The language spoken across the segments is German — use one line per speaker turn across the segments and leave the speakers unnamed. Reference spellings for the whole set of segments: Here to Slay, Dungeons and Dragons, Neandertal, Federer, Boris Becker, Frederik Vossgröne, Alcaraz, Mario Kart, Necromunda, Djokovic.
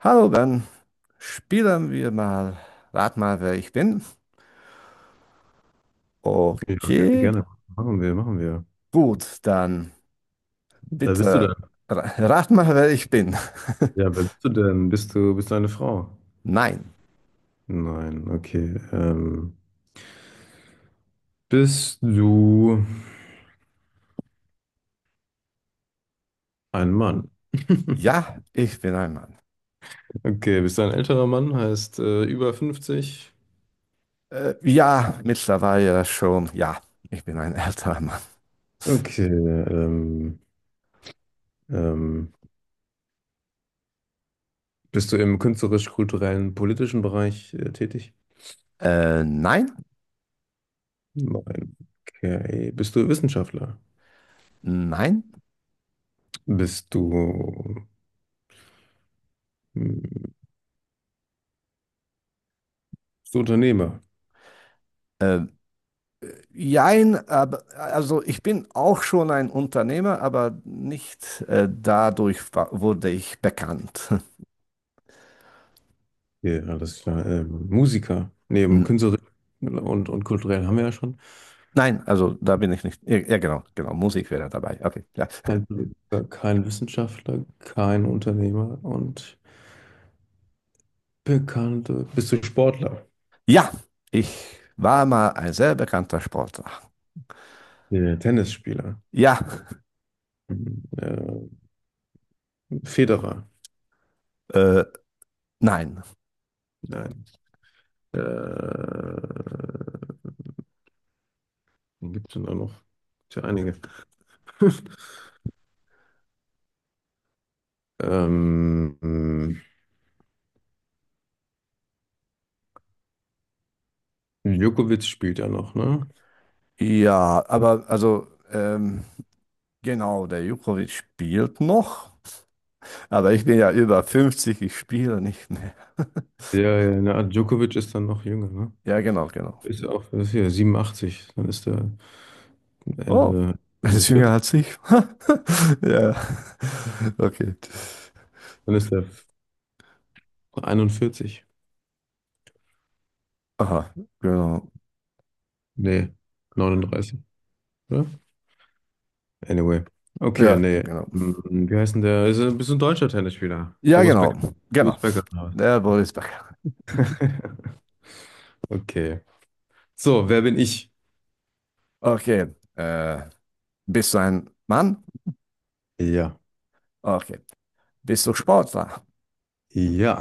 Hallo Ben, spielen wir mal. Rat mal, wer ich bin.
Ja, gerne,
Okay,
gerne. Machen wir, machen wir.
gut, dann
Wer bist du
bitte
denn?
rat mal, wer ich bin.
Ja, wer bist du denn? Bist du eine Frau?
Nein,
Nein, okay. Bist du ein Mann?
ja, ich bin ein Mann.
Okay, bist du ein älterer Mann? Heißt über 50?
Ja, mittlerweile schon, ja, ich bin ein älterer Mann.
Okay, ähm, bist du im künstlerisch-kulturellen, politischen Bereich tätig?
Nein,
Nein, okay. Bist du Wissenschaftler?
nein,
Bist du, hm, bist du Unternehmer?
äh, jein, aber, also ich bin auch schon ein Unternehmer, aber nicht dadurch wurde ich bekannt.
Okay, alles klar. Musiker, neben Künstlerin und kulturell haben wir ja schon.
Nein, also da bin ich nicht. Ja, ja, genau, genau. Musik wäre dabei. Okay, klar.
Kein Politiker, kein Wissenschaftler, kein Unternehmer und bekannte. Bist du Sportler?
Ja, ich war mal ein sehr bekannter Sportler.
Ja, Tennisspieler.
Ja,
Hm, Äh, Federer.
äh, nein.
Nein. Äh, Gibt es denn da noch? Gibt's ja einige. Ähm, ähm, Djokovic spielt ja noch, ne?
Ja, aber also, genau, der Jukovic spielt noch, aber ich bin ja über 50, ich spiele nicht mehr.
Ja, ja, na, Djokovic ist dann noch jünger, ne?
Ja, genau, genau.
Ist ja auch, das ist hier 87, dann ist der
Oh,
Ende.
er
Ende
ist jünger
40,
als ich. Ja, okay.
dann ist der 41,
Aha, genau.
nee, 39, oder? Anyway, okay,
Ja,
nee.
genau.
Wie heißt denn der, ist ein bisschen deutscher Tennisspieler,
Ja,
Boris
genau,
Becker,
genau.
Boris Becker.
Der Boris Becker.
Okay, so, wer bin ich?
Okay, bist du ein Mann?
Ja,
Okay. Bist du Sportler?
ja,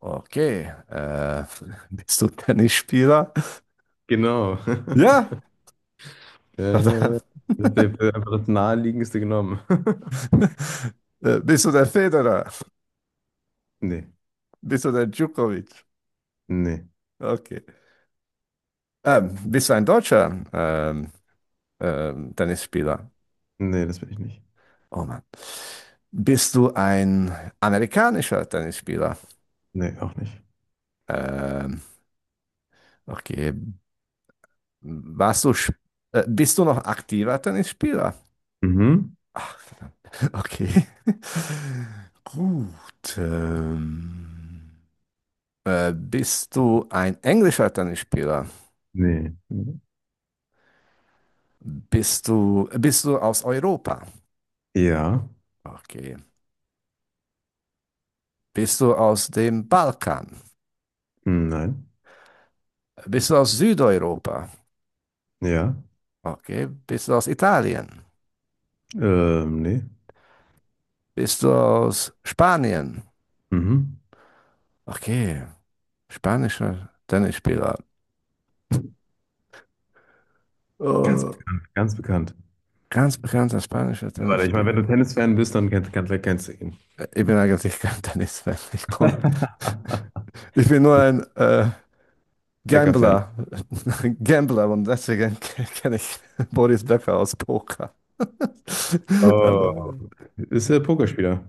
Okay. Bist du Tennisspieler?
genau,
Ja.
ja, ja, ja,
Verdammt.
das ist einfach das naheliegendste genommen.
Bist du der Federer?
Nee,
Bist du der Djokovic?
nee,
Okay. Bist du ein deutscher Tennisspieler?
nee, das bin ich nicht,
Oh Mann. Bist du ein amerikanischer Tennisspieler?
nee, auch nicht.
Ähm, okay. Warst du, sp- Bist du noch aktiver Tennisspieler?
Mhm.
Okay. Gut. Bist du ein englischer Tennisspieler?
Nee.
Bist du aus Europa?
Ja.
Okay. Bist du aus dem Balkan?
Hm. Nein,
Bist du aus Südeuropa?
ja,
Okay. Bist du aus Italien?
nee,
Bist du aus Spanien?
mhm.
Okay. Spanischer Tennisspieler.
Ganz
Äh,
bekannt, ganz bekannt.
ganz bekannter spanischer
Ja, warte, ich meine, wenn du
Tennisspieler.
Tennis-Fan bist, dann kennst du ihn.
Ich bin eigentlich kein Tennisfan. Ich bin nur ein
Becker-Fan.
Gambler. Gambler und deswegen kenne ich Boris Becker aus Poker. Aber,
Oh, okay. Ist der Pokerspieler.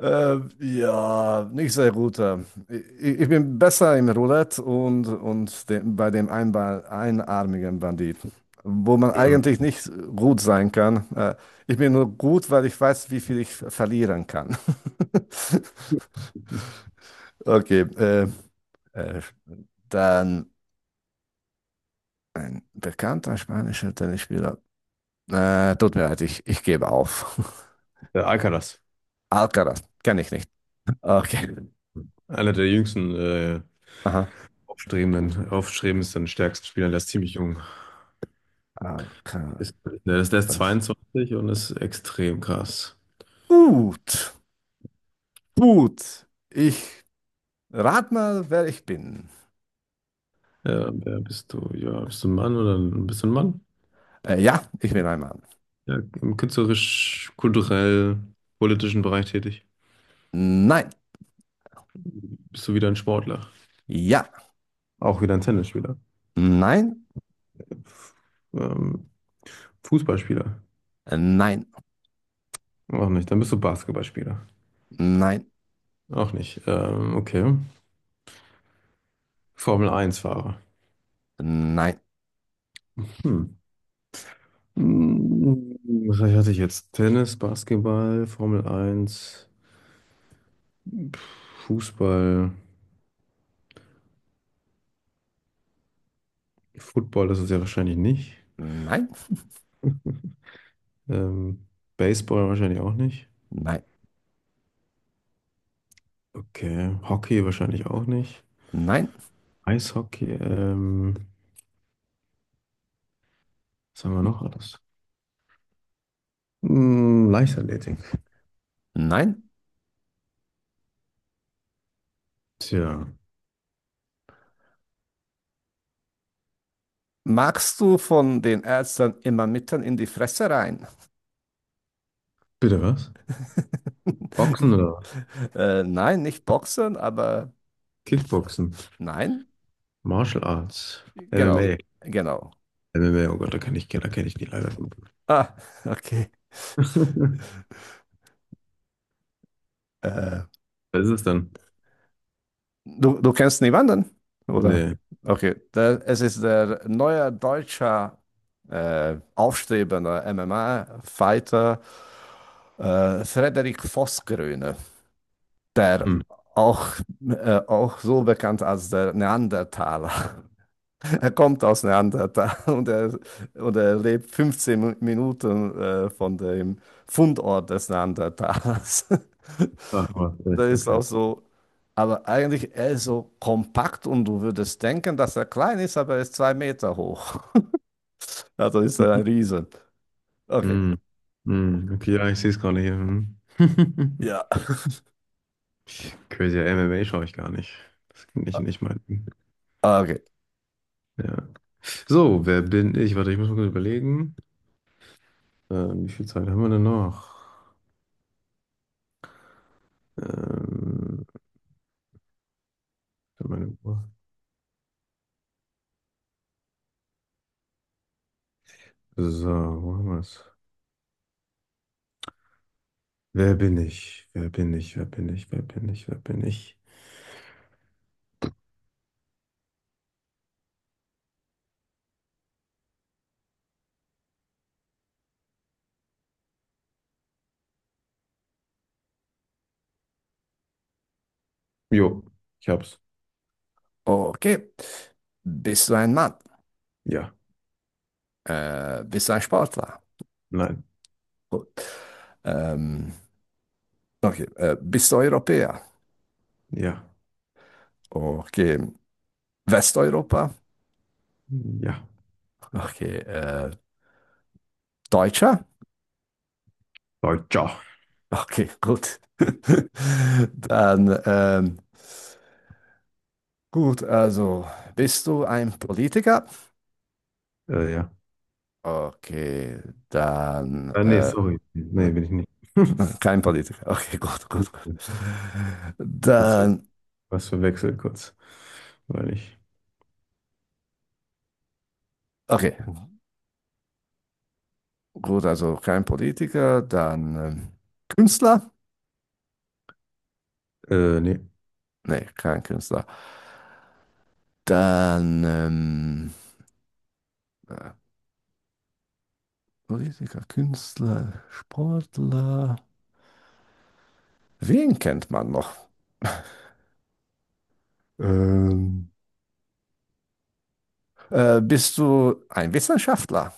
ja, nicht sehr gut. Ich bin besser im Roulette und bei dem Einball, einarmigen Banditen, wo man
Hm.
eigentlich nicht gut sein kann. Ich bin nur gut, weil ich weiß, wie viel ich verlieren kann. Okay, äh, dann. Ein bekannter spanischer Tennisspieler. Tut mir leid, ich gebe auf.
Der Alcaraz.
Alcaraz, kenne ich nicht. Okay.
Einer der jüngsten,
Aha.
aufstrebenden, aufstrebendsten, stärksten Spieler. Der ist ziemlich jung.
Alcaraz.
Ist, der ist 22 und ist extrem krass.
Gut, gut. Ich rat mal, wer ich bin.
Ja, wer bist du? Ja, bist du ein Mann oder bist du ein Mann?
Ja, ich bin ein Mann.
Ja, im künstlerisch, kulturell, politischen Bereich tätig.
Nein.
Bist du wieder ein Sportler?
Ja.
Auch wieder ein Tennisspieler.
Nein.
Ähm, Fußballspieler?
Nein.
Auch nicht. Dann bist du Basketballspieler.
Nein.
Auch nicht. Okay. Formel 1 Fahrer.
Nein.
Hm. Hm, Was hatte ich jetzt? Tennis, Basketball, Formel 1, Fußball, Football ist es ja wahrscheinlich nicht.
Nein.
Ähm, Baseball wahrscheinlich auch nicht.
Nein.
Okay. Hockey wahrscheinlich auch nicht.
Nein.
Eishockey, was haben wir noch alles? Hm, Leichtathletik.
Nein.
Tja,
Magst du von den Ärzten immer mitten in die Fresse rein?
bitte was?
Ich-
Boxen oder was?
Nein, nicht Boxen, aber
Kickboxen,
nein,
Martial Arts,
genau,
MMA.
genau.
MMA, oh Gott, da kann ich, da kenne ich die leider von.
Ah, okay. Äh,
Was ist es dann?
du kennst niemanden, oder?
Nee.
Okay, da, es ist der neue deutsche aufstrebende MMA-Fighter Frederik Vossgröne, der
Hm.
auch, auch so bekannt als der Neandertaler. Er kommt aus Neandertal und er lebt 15 Minuten von dem Fundort des Neandertalers.
Ah, aber
Da
vielleicht,
ist
okay.
auch so, aber eigentlich er ist so kompakt und du würdest denken, dass er klein ist, aber er ist 2 Meter hoch. Also ist er ein Riesen. Okay,
Hm. Hm. Okay, ja, ich sehe es gerade hier. Hm.
ja,
Crazy, MMA schaue ich gar nicht. Das ist nicht mein Ding.
okay,
Ja. So, wer bin ich? Warte, ich muss mal kurz überlegen. Wie viel Zeit haben wir denn noch? Ähm, Für meine Uhr. So, wo haben wir es? Wer bin ich? Wer bin ich? Wer bin ich? Wer bin ich? Wer bin ich? Jo, ich hab's.
okay. Bist du ein Mann?
Ja,
Bist du ein Sportler?
nein,
Gut. Ähm, okay, bist du Europäer?
ja,
Okay. Westeuropa?
ja.
Okay. Deutscher?
Deutscher.
Okay, gut. Dann, gut, also bist du ein Politiker?
Ja.
Okay, dann,
Ah, nee, sorry. Nee, bin ich nicht.
kein Politiker. Okay, gut, gut, gut.
Was,
Dann,
was verwechselt kurz. Weil ich.
okay, gut, also kein Politiker, dann Künstler?
Nee,
Nee, kein Künstler. Dann, äh, Politiker, Künstler, Sportler. Wen kennt man noch? Ähm, Bist du ein Wissenschaftler?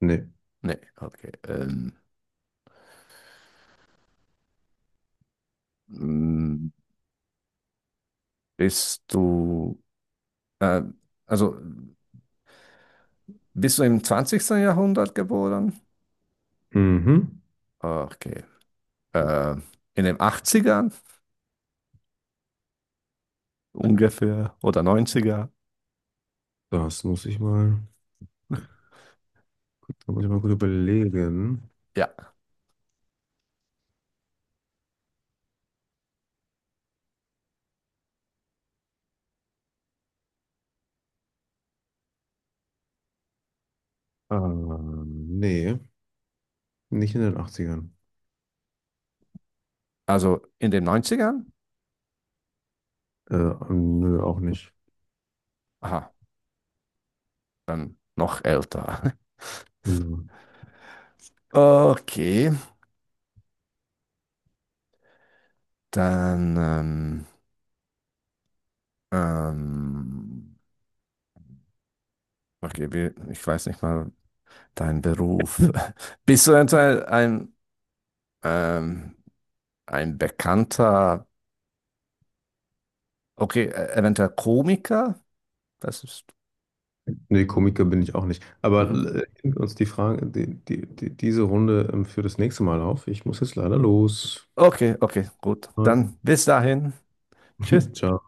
nee.
Nee, okay. Mm, bist du, äh, also bist du im zwanzigsten Jahrhundert geboren?
Mhm.
Okay. Äh, in den 80ern ungefähr oder 90.
Das muss ich mal. Da muss ich mal gut überlegen.
Ja,
Ah, nee, nicht in den Achtzigern.
also in den 90ern?
Äh, Nö, auch nicht.
Aha, dann noch älter.
Ja.
Okay, dann, ähm, okay, ich weiß nicht mal, dein Beruf. Bist du eventuell ähm, ein bekannter, okay, eventuell Komiker? Das ist.
Nee, Komiker bin ich auch nicht. Aber
Mhm.
heben wir uns die Frage, diese Runde für das nächste Mal auf. Ich muss jetzt leider los.
Okay, okay, gut. Dann bis dahin. Tschüss.
Ciao.